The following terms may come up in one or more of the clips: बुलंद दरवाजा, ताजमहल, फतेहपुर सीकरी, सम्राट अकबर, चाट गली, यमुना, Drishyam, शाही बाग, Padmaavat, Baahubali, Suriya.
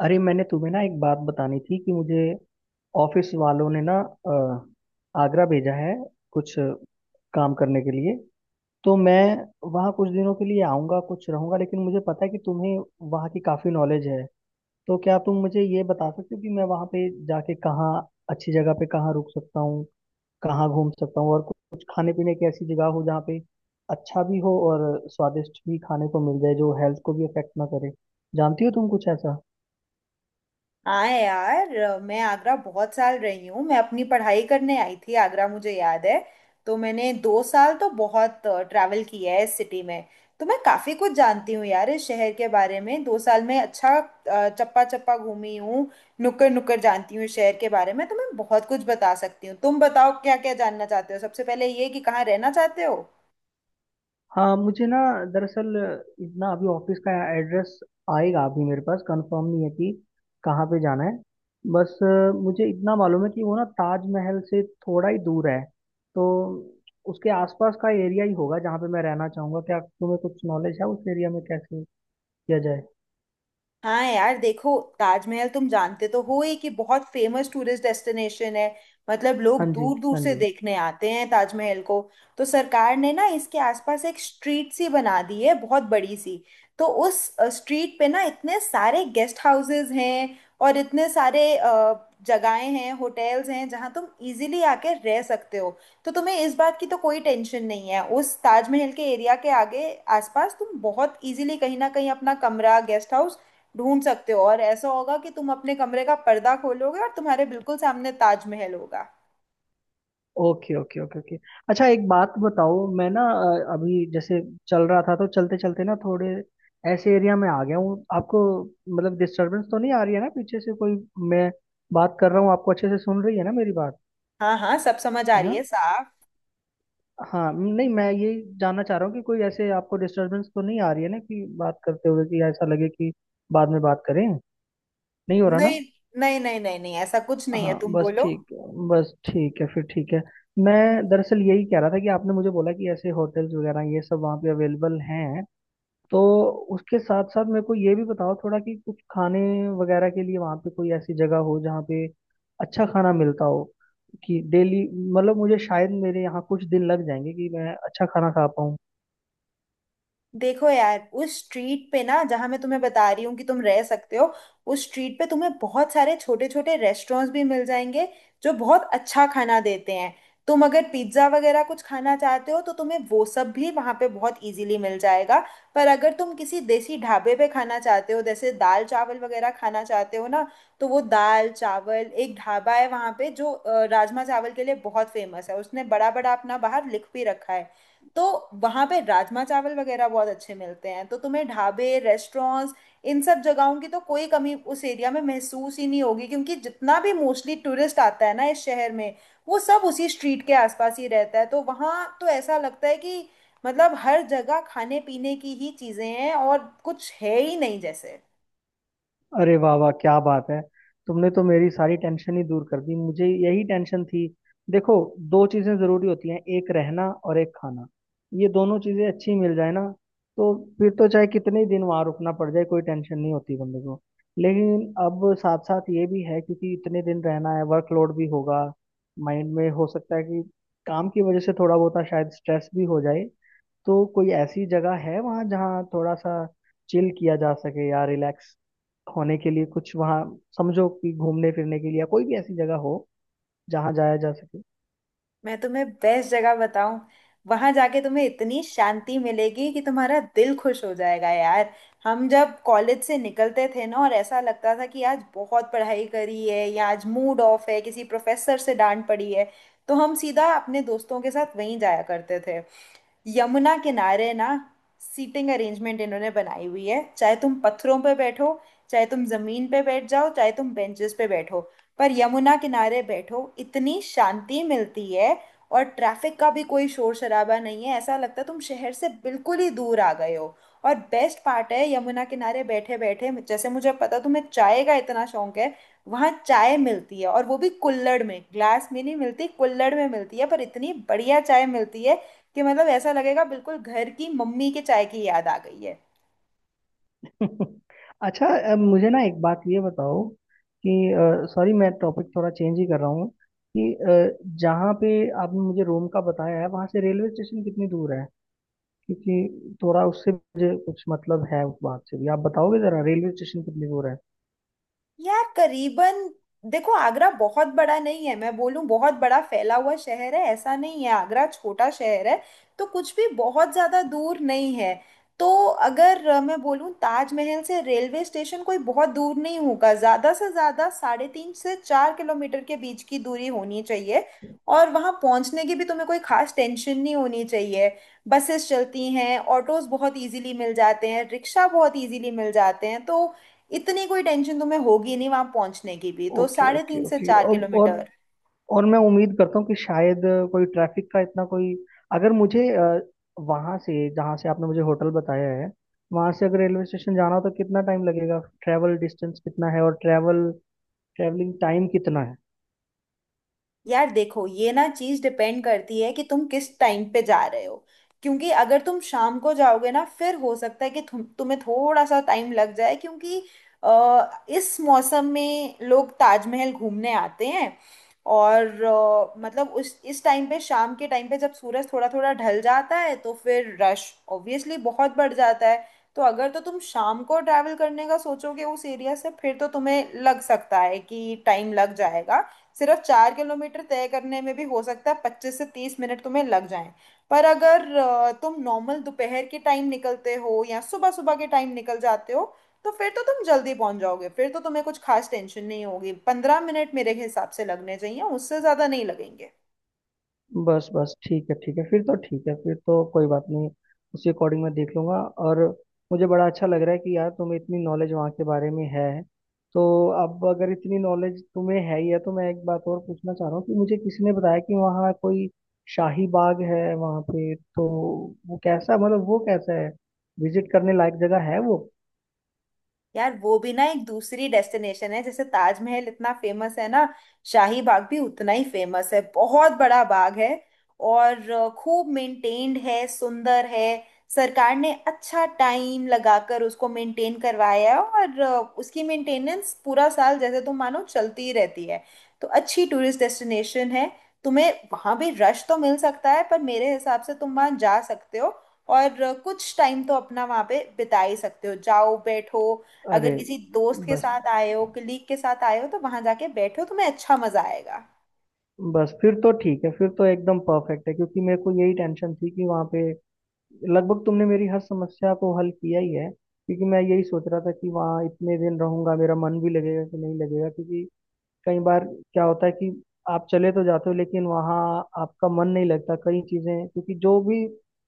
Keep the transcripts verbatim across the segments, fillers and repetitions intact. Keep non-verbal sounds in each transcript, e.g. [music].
अरे, मैंने तुम्हें ना एक बात बतानी थी कि मुझे ऑफिस वालों ने ना अ, आगरा भेजा है कुछ काम करने के लिए। तो मैं वहाँ कुछ दिनों के लिए आऊँगा, कुछ रहूँगा, लेकिन मुझे पता है कि तुम्हें वहाँ की काफ़ी नॉलेज है। तो क्या तुम मुझे ये बता सकते हो कि मैं वहाँ पे जाके कहाँ अच्छी जगह पे कहाँ रुक सकता हूँ, कहाँ घूम सकता हूँ, और कुछ खाने पीने की ऐसी जगह हो जहाँ पे अच्छा भी हो और स्वादिष्ट भी खाने को मिल जाए जो हेल्थ को भी अफेक्ट ना करे। जानती हो तुम कुछ ऐसा? हाँ यार अ, मैं आगरा बहुत साल रही हूँ। मैं अपनी पढ़ाई करने आई थी आगरा मुझे याद है। तो मैंने दो साल तो बहुत ट्रैवल किया है इस सिटी में। तो मैं काफ़ी कुछ जानती हूँ यार इस शहर के बारे में। दो साल में अच्छा अ, चप्पा चप्पा घूमी हूँ। नुक्कड़ नुक्कड़ जानती हूँ इस शहर के बारे में। तो मैं बहुत कुछ बता सकती हूँ। तुम बताओ क्या क्या जानना चाहते हो? सबसे पहले ये कि कहाँ रहना चाहते हो? हाँ, मुझे ना दरअसल इतना अभी ऑफिस का एड्रेस आएगा, अभी मेरे पास कंफर्म नहीं है कि कहाँ पे जाना है। बस अ, मुझे इतना मालूम है कि वो ना ताजमहल से थोड़ा ही दूर है। तो उसके आसपास का एरिया ही होगा जहाँ पे मैं रहना चाहूँगा। क्या तुम्हें कुछ नॉलेज है उस एरिया में कैसे किया जाए? हाँ यार देखो, ताजमहल तुम जानते तो हो ये कि बहुत फेमस टूरिस्ट डेस्टिनेशन है। मतलब लोग हाँ जी। दूर दूर हाँ से जी। देखने आते हैं ताजमहल को। तो सरकार ने ना इसके आसपास एक स्ट्रीट सी बना दी है, बहुत बड़ी सी। तो उस स्ट्रीट पे ना इतने सारे गेस्ट हाउसेस हैं और इतने सारे अ, जगहें हैं, होटल्स हैं जहाँ तुम इजीली आके रह सकते हो। तो तुम्हें इस बात की तो कोई टेंशन नहीं है। उस ताजमहल के एरिया के आगे आसपास तुम बहुत इजीली कहीं ना कहीं अपना कमरा, गेस्ट हाउस ढूंढ सकते हो। और ऐसा होगा कि तुम अपने कमरे का पर्दा खोलोगे और तुम्हारे बिल्कुल सामने ताजमहल होगा। Okay okay okay okay. अच्छा, एक बात बताओ, मैं ना अ, अभी जैसे चल रहा था तो चलते चलते ना थोड़े ऐसे एरिया में आ गया हूँ आपको, मतलब डिस्टरबेंस तो नहीं आ रही है ना पीछे से कोई? मैं बात कर रहा हूँ, आपको अच्छे से सुन रही है ना मेरी बात? हाँ हाँ, सब समझ आ है रही ना? है साफ। हाँ, नहीं मैं ये जानना चाह रहा हूँ कि कोई ऐसे आपको डिस्टरबेंस तो नहीं आ रही है ना कि बात करते हुए कि ऐसा लगे कि बाद में बात करें, नहीं हो रहा ना? नहीं नहीं नहीं नहीं नहीं, ऐसा कुछ नहीं है, हाँ, तुम बस बोलो। ठीक बस ठीक है फिर, ठीक है। मैं दरअसल यही कह रहा था कि आपने मुझे बोला कि ऐसे होटल्स वगैरह ये सब वहाँ पे अवेलेबल हैं, तो उसके साथ साथ मेरे को ये भी बताओ थोड़ा कि कुछ खाने वगैरह के लिए वहाँ पे कोई ऐसी जगह हो जहाँ पे अच्छा खाना मिलता हो कि डेली, मतलब मुझे शायद मेरे यहाँ कुछ दिन लग जाएंगे कि मैं अच्छा खाना खा पाऊँ। देखो यार उस स्ट्रीट पे ना, जहां मैं तुम्हें बता रही हूँ कि तुम रह सकते हो, उस स्ट्रीट पे तुम्हें बहुत सारे छोटे छोटे रेस्टोरेंट्स भी मिल जाएंगे जो बहुत अच्छा खाना देते हैं। तुम अगर पिज्ज़ा वगैरह कुछ खाना चाहते हो तो तुम्हें वो सब भी वहाँ पे बहुत इजीली मिल जाएगा। पर अगर तुम किसी देसी ढाबे पे खाना चाहते हो, जैसे दाल चावल वगैरह खाना चाहते हो ना, तो वो दाल चावल एक ढाबा है वहाँ पे जो अ, राजमा चावल के लिए बहुत फेमस है। उसने बड़ा बड़ा अपना बाहर लिख भी रखा है। तो वहां पे राजमा चावल वगैरह बहुत अच्छे मिलते हैं। तो तुम्हें ढाबे, रेस्टोरेंट्स, इन सब जगहों की तो कोई कमी उस एरिया में महसूस ही नहीं होगी। क्योंकि जितना भी मोस्टली टूरिस्ट आता है ना इस शहर में, वो सब उसी स्ट्रीट के आसपास ही रहता है। तो वहाँ तो ऐसा लगता है कि मतलब हर जगह खाने पीने की ही चीजें हैं, और कुछ है ही नहीं जैसे। अरे वाह वाह, क्या बात है! तुमने तो मेरी सारी टेंशन ही दूर कर दी, मुझे यही टेंशन थी। देखो, दो चीजें जरूरी होती हैं, एक रहना और एक खाना। ये दोनों चीजें अच्छी मिल जाए ना, तो फिर तो चाहे कितने ही दिन वहां रुकना पड़ जाए, कोई टेंशन नहीं होती बंदे को। लेकिन अब साथ साथ ये भी है, क्योंकि इतने दिन रहना है, वर्कलोड भी होगा माइंड में, हो सकता है कि काम की वजह से थोड़ा बहुत शायद स्ट्रेस भी हो जाए। तो कोई ऐसी जगह है वहाँ जहाँ थोड़ा सा चिल किया जा सके या रिलैक्स होने के लिए कुछ वहाँ, समझो कि घूमने फिरने के लिए, या कोई भी ऐसी जगह हो जहाँ जाया जा सके? मैं तुम्हें बेस्ट जगह बताऊं। वहां जाके तुम्हें इतनी शांति मिलेगी कि तुम्हारा दिल खुश हो जाएगा यार। हम जब कॉलेज से निकलते थे ना, और ऐसा लगता था कि आज बहुत पढ़ाई करी है या आज मूड ऑफ है, किसी प्रोफेसर से डांट पड़ी है, तो हम सीधा अपने दोस्तों के साथ वहीं जाया करते थे, यमुना किनारे ना। सीटिंग अरेंजमेंट इन्होंने बनाई हुई है, चाहे तुम पत्थरों पे बैठो, चाहे तुम जमीन पे बैठ जाओ, चाहे तुम बेंचेस पे बैठो, पर यमुना किनारे बैठो, इतनी शांति मिलती है। और ट्रैफिक का भी कोई शोर शराबा नहीं है, ऐसा लगता है तुम शहर से बिल्कुल ही दूर आ गए हो। और बेस्ट पार्ट है, यमुना किनारे बैठे बैठे, जैसे मुझे पता तुम्हें चाय का इतना शौक है, वहाँ चाय मिलती है और वो भी कुल्हड़ में। ग्लास में नहीं मिलती, कुल्हड़ में मिलती है, पर इतनी बढ़िया चाय मिलती है कि मतलब ऐसा लगेगा बिल्कुल घर की मम्मी के चाय की याद आ गई है। [laughs] अच्छा, अ, मुझे ना एक बात ये बताओ कि, सॉरी मैं टॉपिक थोड़ा चेंज ही कर रहा हूँ कि अ, जहाँ पे आपने मुझे रोम का बताया है वहाँ से रेलवे स्टेशन कितनी दूर है? क्योंकि थोड़ा उससे मुझे कुछ मतलब है उस बात से भी, आप बताओगे जरा रेलवे स्टेशन कितनी दूर है? यार करीबन, देखो आगरा बहुत बड़ा नहीं है। मैं बोलूं बहुत बड़ा फैला हुआ शहर है ऐसा नहीं है, आगरा छोटा शहर है। तो कुछ भी बहुत ज्यादा दूर नहीं है। तो अगर अ, मैं बोलूं, ताजमहल से रेलवे स्टेशन कोई बहुत दूर नहीं होगा, ज्यादा से ज्यादा साढ़े तीन से चार किलोमीटर के बीच की दूरी होनी चाहिए। और वहां पहुंचने की भी तुम्हें कोई खास टेंशन नहीं होनी चाहिए। बसेस चलती हैं, ऑटोज बहुत इजीली मिल जाते हैं, रिक्शा बहुत इजीली मिल जाते हैं। तो इतनी कोई टेंशन तुम्हें होगी नहीं वहां पहुंचने की भी, तो ओके साढ़े ओके तीन से ओके, चार और, किलोमीटर और और मैं उम्मीद करता हूँ कि शायद अ, कोई ट्रैफिक का इतना कोई, अगर मुझे वहां से, जहाँ से आपने मुझे होटल बताया है वहां से, अगर रेलवे स्टेशन जाना हो तो कितना टाइम लगेगा? ट्रैवल डिस्टेंस कितना है और ट्रैवल ट्रैवलिंग टाइम कितना है? यार देखो, ये ना चीज डिपेंड करती है कि तुम किस टाइम पे जा रहे हो। क्योंकि अगर तुम शाम को जाओगे ना, फिर हो सकता है कि तुम तुम्हें थोड़ा सा टाइम लग जाए, क्योंकि अ, इस मौसम में लोग ताजमहल घूमने आते हैं। और अ, मतलब उस इस टाइम पे, शाम के टाइम पे, जब सूरज थोड़ा थोड़ा ढल जाता है तो फिर रश ऑब्वियसली बहुत बढ़ जाता है। तो अगर तो तुम शाम को ट्रैवल करने का सोचोगे उस एरिया से, फिर तो तुम्हें लग सकता है कि टाइम लग जाएगा। सिर्फ चार किलोमीटर तय करने में भी हो सकता है पच्चीस से तीस मिनट तुम्हें लग जाएं। पर अगर अ, तुम नॉर्मल दोपहर के टाइम निकलते हो या सुबह सुबह के टाइम निकल जाते हो, तो फिर तो तुम जल्दी पहुंच जाओगे। फिर तो तुम्हें कुछ खास टेंशन नहीं होगी, पंद्रह मिनट मेरे हिसाब से लगने चाहिए, उससे ज्यादा नहीं लगेंगे। बस बस ठीक है, ठीक है, फिर तो ठीक है, फिर तो कोई बात नहीं। उसी अकॉर्डिंग मैं देख लूंगा। और मुझे बड़ा अच्छा लग रहा है कि यार तुम्हें इतनी नॉलेज वहाँ के बारे में है। तो अब अगर इतनी नॉलेज तुम्हें है ही है तो मैं एक बात और पूछना चाह रहा हूँ कि मुझे किसी ने बताया कि वहाँ कोई शाही बाग है वहाँ पे, तो वो कैसा, मतलब वो कैसा है? विजिट करने लायक जगह है वो? यार वो भी ना एक दूसरी डेस्टिनेशन है। जैसे ताजमहल इतना फेमस है ना, शाही बाग भी उतना ही फेमस है। बहुत बड़ा बाग है और अ, खूब मेंटेन्ड है, सुंदर है। सरकार ने अच्छा टाइम लगाकर उसको मेंटेन करवाया है, और अ, उसकी मेंटेनेंस पूरा साल जैसे तुम मानो चलती ही रहती है। तो अच्छी टूरिस्ट डेस्टिनेशन है। तुम्हें वहां भी रश तो मिल सकता है, पर मेरे हिसाब से तुम वहां जा सकते हो। और अ, कुछ टाइम तो अपना वहां पे बिता ही सकते हो। जाओ बैठो, अगर अरे, किसी दोस्त के बस साथ आए हो, कलीग के साथ आए हो, तो वहां जाके बैठो, तुम्हें अच्छा मजा आएगा। बस फिर तो ठीक है, फिर तो एकदम परफेक्ट है, क्योंकि मेरे को यही टेंशन थी कि वहाँ पे, लगभग तुमने मेरी हर समस्या को हल किया ही है। क्योंकि मैं यही सोच रहा था कि वहाँ इतने दिन रहूंगा, मेरा मन भी लगेगा कि नहीं लगेगा, क्योंकि कई बार क्या होता है कि आप चले तो जाते हो लेकिन वहाँ आपका मन नहीं लगता, कई चीज़ें, क्योंकि जो भी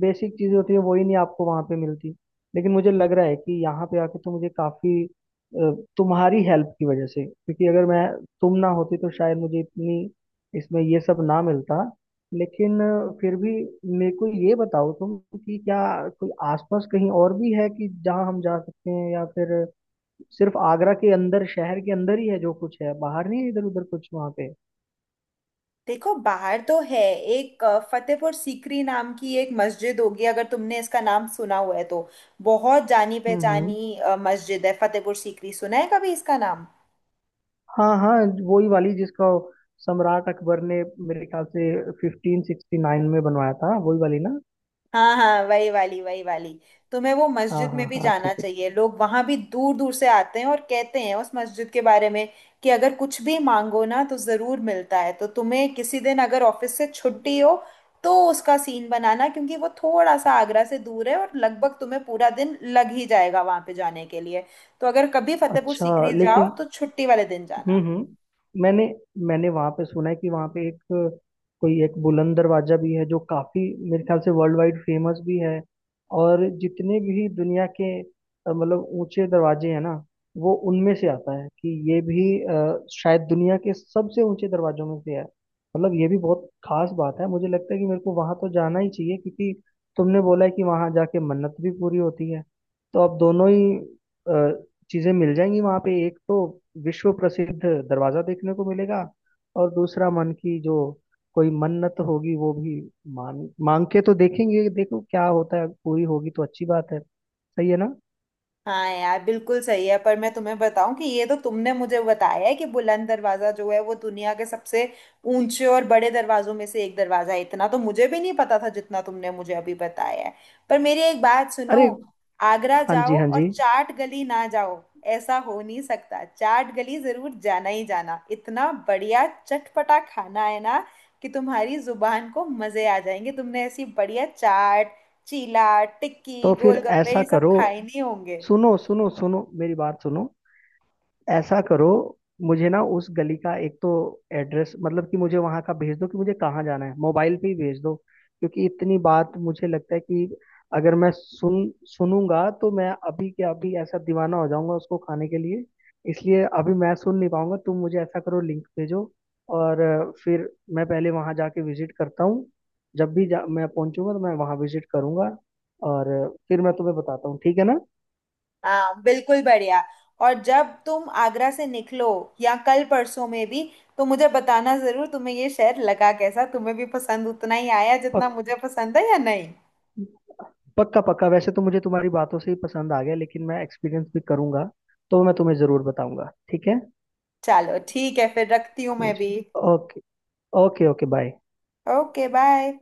बेसिक चीज़ें होती है वही नहीं आपको वहाँ पे मिलती। लेकिन मुझे लग रहा है कि यहाँ पे आके तो मुझे काफ़ी तुम्हारी हेल्प की वजह से, क्योंकि अगर मैं, तुम ना होती तो शायद मुझे इतनी, इसमें ये सब ना मिलता। लेकिन अ, फिर भी मेरे को ये बताओ तुम कि क्या कोई आसपास कहीं और भी है कि जहाँ हम जा सकते हैं, या फिर सिर्फ आगरा के अंदर, शहर के अंदर ही है जो कुछ है, बाहर नहीं है इधर उधर कुछ वहां पे? देखो बाहर तो है, एक अ, फतेहपुर सीकरी नाम की एक मस्जिद होगी। अगर तुमने इसका नाम सुना हुआ है तो, बहुत जानी हम्म हम्म। पहचानी अ, मस्जिद है फतेहपुर सीकरी। सुना है कभी इसका नाम? हाँ हाँ, वही वाली जिसका सम्राट अकबर ने मेरे ख्याल से फिफ्टीन सिक्सटी नाइन में बनवाया था, वही वाली ना? हाँ हाँ, वही वाली वही वाली। तुम्हें वो हाँ मस्जिद हाँ में भी हाँ, जाना ठीक है, ठीक चाहिए। लोग वहां भी दूर दूर से आते हैं और कहते हैं उस मस्जिद के बारे में कि अगर कुछ भी मांगो ना तो जरूर मिलता है। तो तुम्हें किसी दिन अगर ऑफिस से है। छुट्टी हो तो उसका सीन बनाना, क्योंकि वो थोड़ा सा आगरा से दूर है और लगभग तुम्हें पूरा दिन लग ही जाएगा वहां पे जाने के लिए। तो अगर कभी फतेहपुर अच्छा। सीकरी जाओ लेकिन तो छुट्टी वाले दिन हम्म जाना। हम्म, मैंने मैंने वहां पे सुना है कि वहां पे एक कोई एक बुलंद दरवाजा भी है, जो काफी, मेरे ख्याल से वर्ल्ड वाइड फेमस भी है। और जितने भी दुनिया के अ, मतलब ऊंचे दरवाजे हैं ना, वो उनमें से आता है कि ये भी अ, शायद दुनिया के सबसे ऊंचे दरवाजों में से है। मतलब ये भी बहुत खास बात है, मुझे लगता है कि मेरे को वहां तो जाना ही चाहिए, क्योंकि तुमने बोला है कि वहां जाके मन्नत भी पूरी होती है। तो अब दोनों ही चीजें मिल जाएंगी वहां पे, एक तो विश्व प्रसिद्ध दरवाजा देखने को मिलेगा, और दूसरा मन की जो कोई मन्नत होगी वो भी मान मांग के तो देखेंगे, देखो क्या होता है, पूरी होगी तो अच्छी बात है, सही है ना? हाँ यार बिल्कुल सही है। पर मैं तुम्हें बताऊं कि ये तो तुमने मुझे बताया है कि बुलंद दरवाजा जो है वो दुनिया के सबसे ऊंचे और बड़े दरवाजों में से एक दरवाजा है। इतना तो मुझे भी नहीं पता था जितना तुमने मुझे अभी बताया है। पर मेरी एक बात सुनो, अरे आगरा हाँ जी, जाओ हाँ और जी। चाट गली ना जाओ, ऐसा हो नहीं सकता। चाट गली जरूर जाना ही जाना। इतना बढ़िया चटपटा खाना है ना कि तुम्हारी जुबान को मजे आ जाएंगे। तुमने ऐसी बढ़िया चाट, चीला, तो टिक्की, फिर गोलगप्पे ऐसा ये सब करो, खाए नहीं होंगे। सुनो सुनो सुनो, मेरी बात सुनो। ऐसा करो, मुझे ना उस गली का एक तो एड्रेस, मतलब कि मुझे वहां का भेज दो कि मुझे कहाँ जाना है, मोबाइल पे ही भेज दो। क्योंकि इतनी बात मुझे लगता है कि अगर मैं सुन सुनूंगा तो मैं अभी के अभी ऐसा दीवाना हो जाऊंगा उसको खाने के लिए। इसलिए अभी मैं सुन नहीं पाऊंगा, तुम मुझे ऐसा करो, लिंक भेजो। और अ, फिर मैं पहले वहां जाके विजिट करता हूँ, जब भी जा, मैं पहुंचूंगा तो मैं वहां विजिट करूंगा। और अ, फिर मैं तुम्हें बताता हूँ, ठीक है ना? हाँ बिल्कुल बढ़िया। और जब तुम आगरा से निकलो, या कल परसों में भी, तो मुझे बताना जरूर तुम्हें ये शहर लगा कैसा, तुम्हें भी पसंद उतना ही आया जितना पक मुझे पसंद है या नहीं। पक्का पक्का, वैसे तो मुझे तुम्हारी बातों से ही पसंद आ गया, लेकिन मैं एक्सपीरियंस भी करूंगा, तो मैं तुम्हें जरूर बताऊंगा, ठीक है। चलो ठीक है, फिर रखती हूँ मैं जी। भी। Okay. Okay okay, bye. Okay bye.